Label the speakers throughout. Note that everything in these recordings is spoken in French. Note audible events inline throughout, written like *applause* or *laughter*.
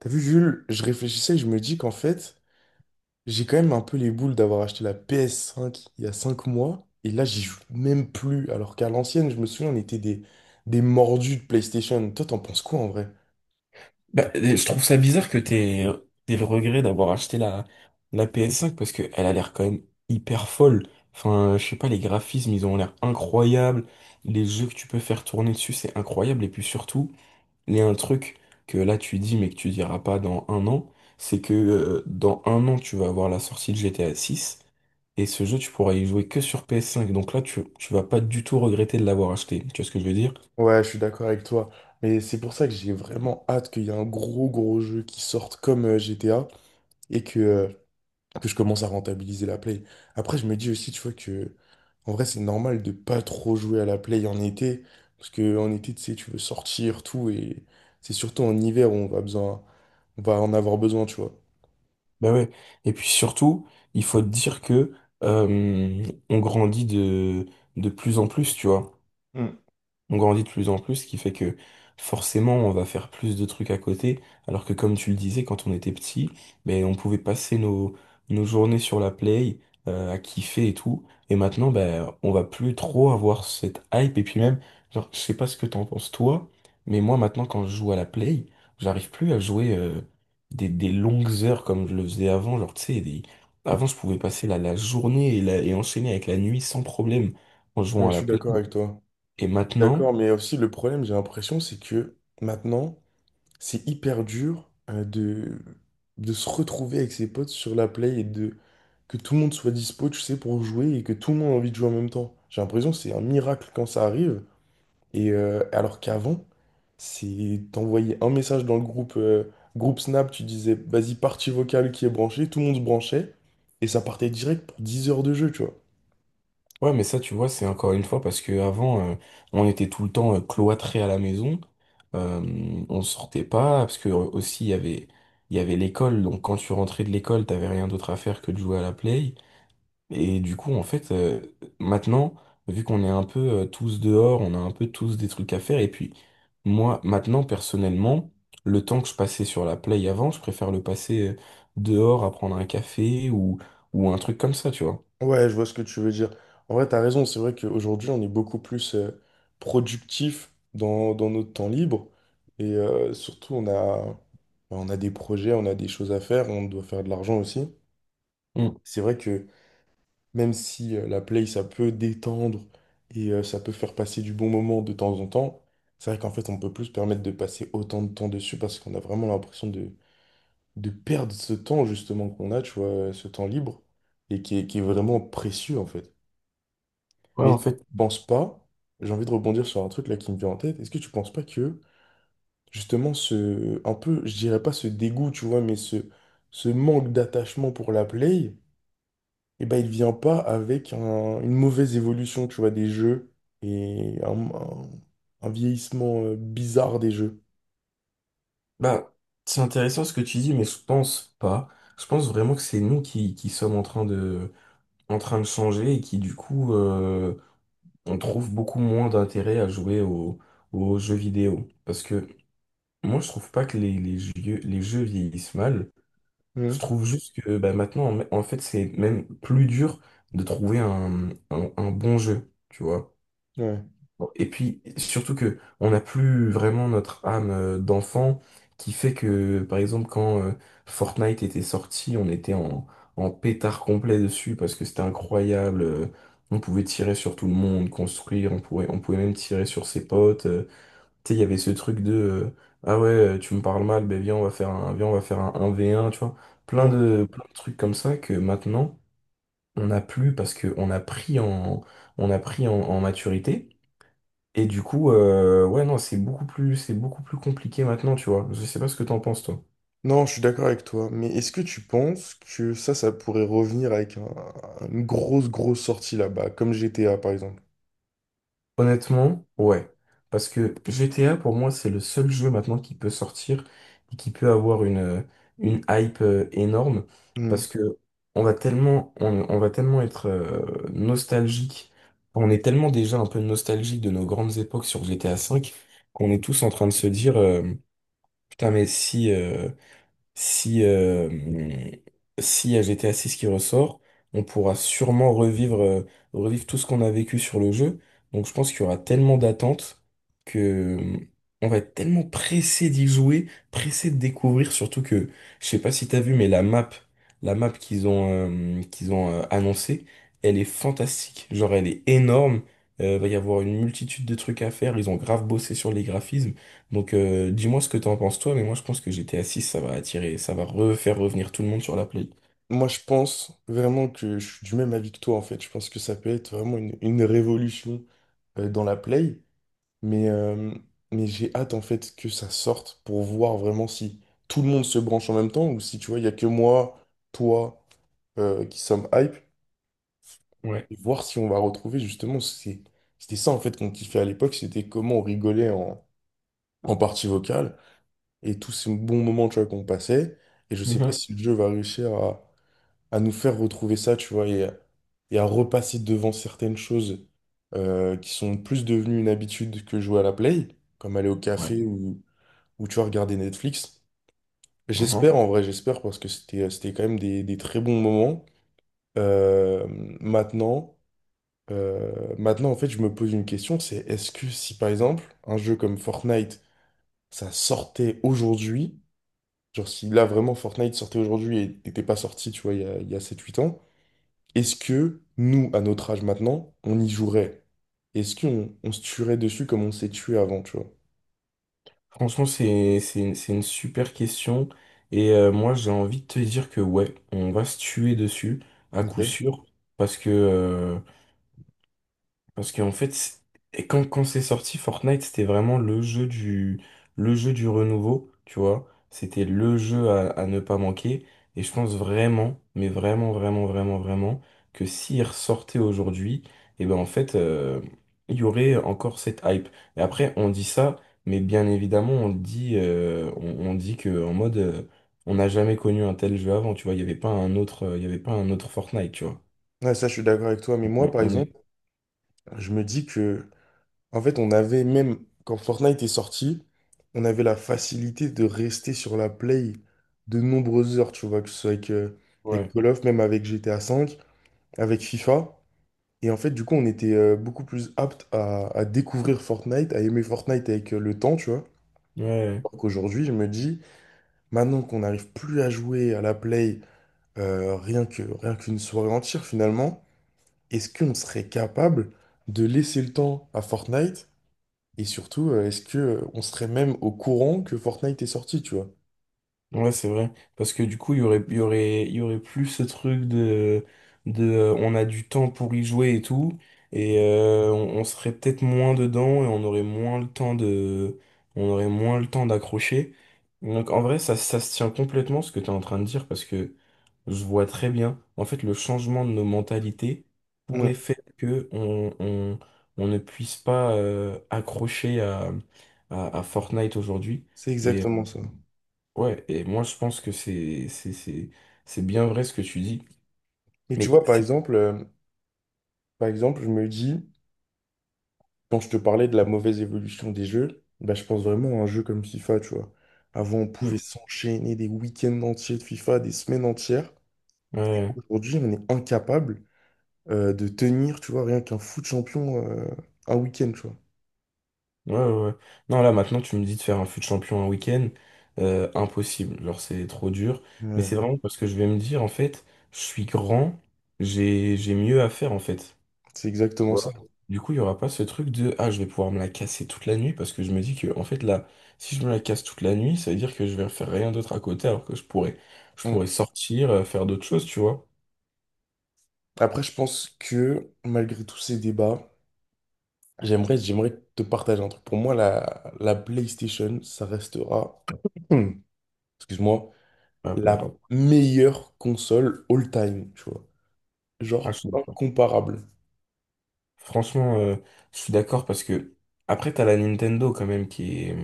Speaker 1: T'as vu, Jules, je réfléchissais et je me dis qu'en fait, j'ai quand même un peu les boules d'avoir acheté la PS5 il y a 5 mois, et là, j'y joue même plus, alors qu'à l'ancienne, je me souviens, on était des mordus de PlayStation. Toi, t'en penses quoi en vrai?
Speaker 2: Je trouve ça bizarre que t'aies le regret d'avoir acheté la PS5 parce que elle a l'air quand même hyper folle. Enfin, je sais pas, les graphismes, ils ont l'air incroyables. Les jeux que tu peux faire tourner dessus, c'est incroyable. Et puis surtout, il y a un truc que là tu dis mais que tu diras pas dans un an, c'est que dans un an, tu vas avoir la sortie de GTA 6 et ce jeu, tu pourras y jouer que sur PS5. Donc là, tu vas pas du tout regretter de l'avoir acheté. Tu vois ce que je veux dire?
Speaker 1: Ouais, je suis d'accord avec toi, mais c'est pour ça que j'ai vraiment hâte qu'il y ait un gros, gros jeu qui sorte comme GTA, et que je commence à rentabiliser la Play. Après, je me dis aussi, tu vois, que en vrai, c'est normal de pas trop jouer à la play en été, parce que en été, tu sais, tu veux sortir, tout, et c'est surtout en hiver où on va en avoir besoin, tu vois.
Speaker 2: Ben ouais. Et puis surtout, il faut dire que euh, on grandit de plus en plus, tu vois.
Speaker 1: Hmm.
Speaker 2: On grandit de plus en plus, ce qui fait que forcément on va faire plus de trucs à côté, alors que comme tu le disais, quand on était petit, ben, on pouvait passer nos journées sur la play, à kiffer et tout, et maintenant ben, on va plus trop avoir cette hype, et puis même, genre, je sais pas ce que t'en penses toi, mais moi maintenant quand je joue à la play, j'arrive plus à jouer des longues heures comme je le faisais avant, genre tu sais, avant je pouvais passer la journée et, et enchaîner avec la nuit sans problème en jouant
Speaker 1: Ouais,
Speaker 2: à
Speaker 1: je
Speaker 2: la
Speaker 1: suis
Speaker 2: play,
Speaker 1: d'accord avec toi.
Speaker 2: et maintenant...
Speaker 1: D'accord, mais aussi le problème, j'ai l'impression, c'est que maintenant, c'est hyper dur de se retrouver avec ses potes sur la play et de que tout le monde soit dispo, tu sais, pour jouer et que tout le monde a envie de jouer en même temps. J'ai l'impression que c'est un miracle quand ça arrive. Alors qu'avant, c'est t'envoyais un message dans le groupe, groupe Snap, tu disais vas-y partie vocale qui est branchée, tout le monde se branchait, et ça partait direct pour 10 heures de jeu, tu vois.
Speaker 2: Ouais, mais ça, tu vois, c'est encore une fois parce que avant, on était tout le temps cloîtrés à la maison. Euh, on sortait pas parce que aussi il y avait l'école. Donc quand tu rentrais de l'école, t'avais rien d'autre à faire que de jouer à la play. Et du coup, en fait, maintenant, vu qu'on est un peu tous dehors, on a un peu tous des trucs à faire. Et puis moi, maintenant, personnellement, le temps que je passais sur la play avant, je préfère le passer dehors à prendre un café ou un truc comme ça, tu vois.
Speaker 1: Ouais, je vois ce que tu veux dire. En vrai, t'as raison, c'est vrai qu'aujourd'hui, on est beaucoup plus productif dans notre temps libre, et surtout, on a des projets, on a des choses à faire, on doit faire de l'argent aussi.
Speaker 2: Mm.
Speaker 1: C'est vrai que même si la play, ça peut détendre et ça peut faire passer du bon moment de temps en temps, c'est vrai qu'en fait, on peut plus se permettre de passer autant de temps dessus parce qu'on a vraiment l'impression de perdre ce temps justement qu'on a, tu vois, ce temps libre et qui est vraiment précieux en fait.
Speaker 2: Ouais,
Speaker 1: Mais
Speaker 2: en
Speaker 1: tu
Speaker 2: fait,
Speaker 1: penses pas, j'ai envie de rebondir sur un truc là qui me vient en tête, est-ce que tu penses pas que justement ce, un peu, je dirais pas ce dégoût, tu vois, mais ce manque d'attachement pour la play, eh ben, il vient pas avec une mauvaise évolution, tu vois, des jeux et un vieillissement bizarre des jeux.
Speaker 2: bah, c'est intéressant ce que tu dis, mais je pense pas. Je pense vraiment que c'est nous qui sommes en train de changer et qui, du coup, on trouve beaucoup moins d'intérêt à jouer aux jeux vidéo. Parce que moi, je trouve pas que les jeux vieillissent mal. Je
Speaker 1: Mhm.
Speaker 2: trouve juste que bah, maintenant, en fait, c'est même plus dur de trouver un bon jeu, tu vois.
Speaker 1: Ouais.
Speaker 2: Bon, et puis, surtout que on n'a plus vraiment notre âme d'enfant qui fait que, par exemple, quand Fortnite était sorti, on était en pétard complet dessus parce que c'était incroyable. On pouvait tirer sur tout le monde, construire, on pouvait même tirer sur ses potes. Tu sais, il y avait ce truc de ah ouais, tu me parles mal, ben viens, on va faire un, viens, on va faire un v un tu vois.
Speaker 1: Ouais.
Speaker 2: Plein de trucs comme ça que maintenant, on n'a plus parce qu'on a on a pris en en maturité. Et du coup, ouais, non, c'est beaucoup plus compliqué maintenant, tu vois. Je sais pas ce que t'en penses, toi.
Speaker 1: Non, je suis d'accord avec toi, mais est-ce que tu penses que ça pourrait revenir avec une grosse, grosse sortie là-bas, comme GTA par exemple?
Speaker 2: Honnêtement, ouais. Parce que GTA, pour moi, c'est le seul jeu maintenant qui peut sortir et qui peut avoir une hype énorme.
Speaker 1: Mhm.
Speaker 2: Parce que on va tellement être nostalgique. On est tellement déjà un peu nostalgique de nos grandes époques sur GTA V qu'on est tous en train de se dire, putain, mais si. Si, euh, S'il y a GTA 6 qui ressort, on pourra sûrement revivre tout ce qu'on a vécu sur le jeu. Donc je pense qu'il y aura tellement d'attentes que on va être tellement pressé d'y jouer, pressé de découvrir, surtout que, je sais pas si t'as vu, mais la map qu'ils ont annoncée, elle est fantastique. Genre elle est énorme. Va y avoir une multitude de trucs à faire. Ils ont grave bossé sur les graphismes. Donc dis-moi ce que t'en penses toi, mais moi je pense que GTA 6, ça va refaire revenir tout le monde sur la Play.
Speaker 1: Moi, je pense vraiment que je suis du même avis que toi, en fait. Je pense que ça peut être vraiment une révolution dans la play. Mais, euh, mais j'ai hâte en fait que ça sorte pour voir vraiment si tout le monde se branche en même temps ou si tu vois, il n'y a que moi, toi, qui sommes hype
Speaker 2: Ouais,
Speaker 1: et voir si on va retrouver justement. C'était ça en fait qu'on kiffait à l'époque, c'était comment on rigolait en partie vocale et tous ces bons moments tu vois, qu'on passait. Et je sais pas
Speaker 2: mhm.
Speaker 1: si le jeu va réussir à nous faire retrouver ça, tu vois, et à repasser devant certaines choses qui sont plus devenues une habitude que jouer à la play, comme aller au
Speaker 2: Ouais.
Speaker 1: café ou où tu vas regarder Netflix.
Speaker 2: Mhm.
Speaker 1: J'espère, en vrai, j'espère, parce que c'était quand même des très bons moments. Euh, maintenant, euh, maintenant, en fait, je me pose une question, c'est est-ce que si, par exemple, un jeu comme Fortnite, ça sortait aujourd'hui, genre si là, vraiment, Fortnite sortait aujourd'hui et n'était pas sorti, tu vois, il y a 7-8 ans, est-ce que nous, à notre âge maintenant, on y jouerait? Est-ce qu'on on se tuerait dessus comme on s'est tué avant, tu vois?
Speaker 2: Franchement c'est une super question et moi j'ai envie de te dire que ouais, on va se tuer dessus à coup
Speaker 1: Ok.
Speaker 2: sûr parce que Parce qu'en fait, c'est- et quand c'est sorti, Fortnite, c'était vraiment le jeu du renouveau, tu vois. C'était le jeu à ne pas manquer. Et je pense vraiment, mais vraiment, que s'il ressortait aujourd'hui, et ben en fait, euh, il y aurait encore cette hype. Et après, on dit ça, mais bien évidemment, on le dit, on dit que on n'a jamais connu un tel jeu avant, tu vois. Il n'y avait pas un il y avait pas un autre Fortnite, tu vois.
Speaker 1: Ouais, ça, je suis d'accord avec toi, mais moi,
Speaker 2: On,
Speaker 1: par
Speaker 2: on est...
Speaker 1: exemple, je me dis que en fait, on avait même, quand Fortnite est sorti, on avait la facilité de rester sur la Play de nombreuses heures, tu vois, que ce soit avec
Speaker 2: Ouais.
Speaker 1: Call of, même avec GTA V, avec FIFA. Et en fait, du coup, on était beaucoup plus apte à découvrir Fortnite, à aimer Fortnite avec le temps, tu vois.
Speaker 2: Ouais.
Speaker 1: Alors qu'aujourd'hui, je me dis, maintenant qu'on n'arrive plus à jouer à la Play, rien qu'une soirée entière, finalement, est-ce qu'on serait capable de laisser le temps à Fortnite? Et surtout, est-ce que on serait même au courant que Fortnite est sorti, tu vois?
Speaker 2: Ouais, c'est vrai. Parce que du coup, il y aurait plus ce truc de on a du temps pour y jouer et tout. Et on serait peut-être moins dedans et on aurait moins le on aurait moins le temps d'accrocher. Donc en vrai, ça se tient complètement ce que tu es en train de dire parce que je vois très bien. En fait, le changement de nos mentalités pourrait
Speaker 1: Mm.
Speaker 2: faire que on ne puisse pas accrocher à Fortnite aujourd'hui.
Speaker 1: C'est exactement ça.
Speaker 2: Ouais, et moi je pense que c'est bien vrai ce que tu dis.
Speaker 1: Et tu
Speaker 2: Mais
Speaker 1: vois, par
Speaker 2: c'est
Speaker 1: exemple, euh, par exemple, je me dis, quand je te parlais de la mauvaise évolution des jeux, bah, je pense vraiment à un jeu comme FIFA, tu vois. Avant, on pouvait
Speaker 2: Mm.
Speaker 1: s'enchaîner des week-ends entiers de FIFA, des semaines entières.
Speaker 2: ouais,
Speaker 1: Aujourd'hui, on est incapable de tenir, tu vois, rien qu'un foot champion un week-end, tu vois.
Speaker 2: ouais. Ouais. Non, là maintenant tu me dis de faire un fut champion un week-end, impossible. Genre c'est trop dur. Mais
Speaker 1: Ouais,
Speaker 2: c'est vraiment parce que je vais me dire en fait, je suis grand, j'ai mieux à faire en fait.
Speaker 1: c'est exactement ça.
Speaker 2: Voilà. Du coup, il y aura pas ce truc de ah je vais pouvoir me la casser toute la nuit parce que je me dis que en fait là, si je me la casse toute la nuit, ça veut dire que je vais faire rien d'autre à côté alors que je
Speaker 1: Mm.
Speaker 2: pourrais sortir, faire d'autres choses, tu vois.
Speaker 1: Après, je pense que malgré tous ces débats, j'aimerais te partager un truc. Pour moi, la PlayStation, ça restera, *clears throat* excuse-moi,
Speaker 2: Ah, pas
Speaker 1: la
Speaker 2: grave.
Speaker 1: meilleure console all-time, tu vois.
Speaker 2: Ah, je
Speaker 1: Genre,
Speaker 2: sais pas.
Speaker 1: incomparable.
Speaker 2: Franchement, je suis d'accord parce que après t'as la Nintendo quand même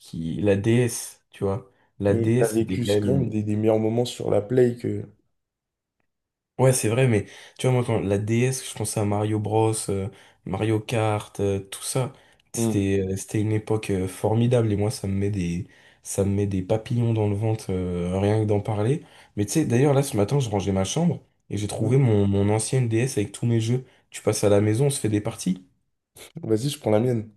Speaker 2: qui la DS, tu vois.
Speaker 1: Mais
Speaker 2: La
Speaker 1: t'as
Speaker 2: DS c'était
Speaker 1: vécu
Speaker 2: quand
Speaker 1: quand même
Speaker 2: même
Speaker 1: des meilleurs moments sur la Play que...
Speaker 2: Ouais c'est vrai mais tu vois moi quand la DS je pensais à Mario Bros, Mario Kart, tout ça
Speaker 1: Hmm.
Speaker 2: c'était c'était une époque formidable et moi ça me met des ça me met des papillons dans le ventre rien que d'en parler. Mais tu sais d'ailleurs là ce matin je rangeais ma chambre et j'ai
Speaker 1: Hmm.
Speaker 2: trouvé mon ancienne DS avec tous mes jeux. Tu passes à la maison on se fait des parties.
Speaker 1: Vas-y, je prends la mienne.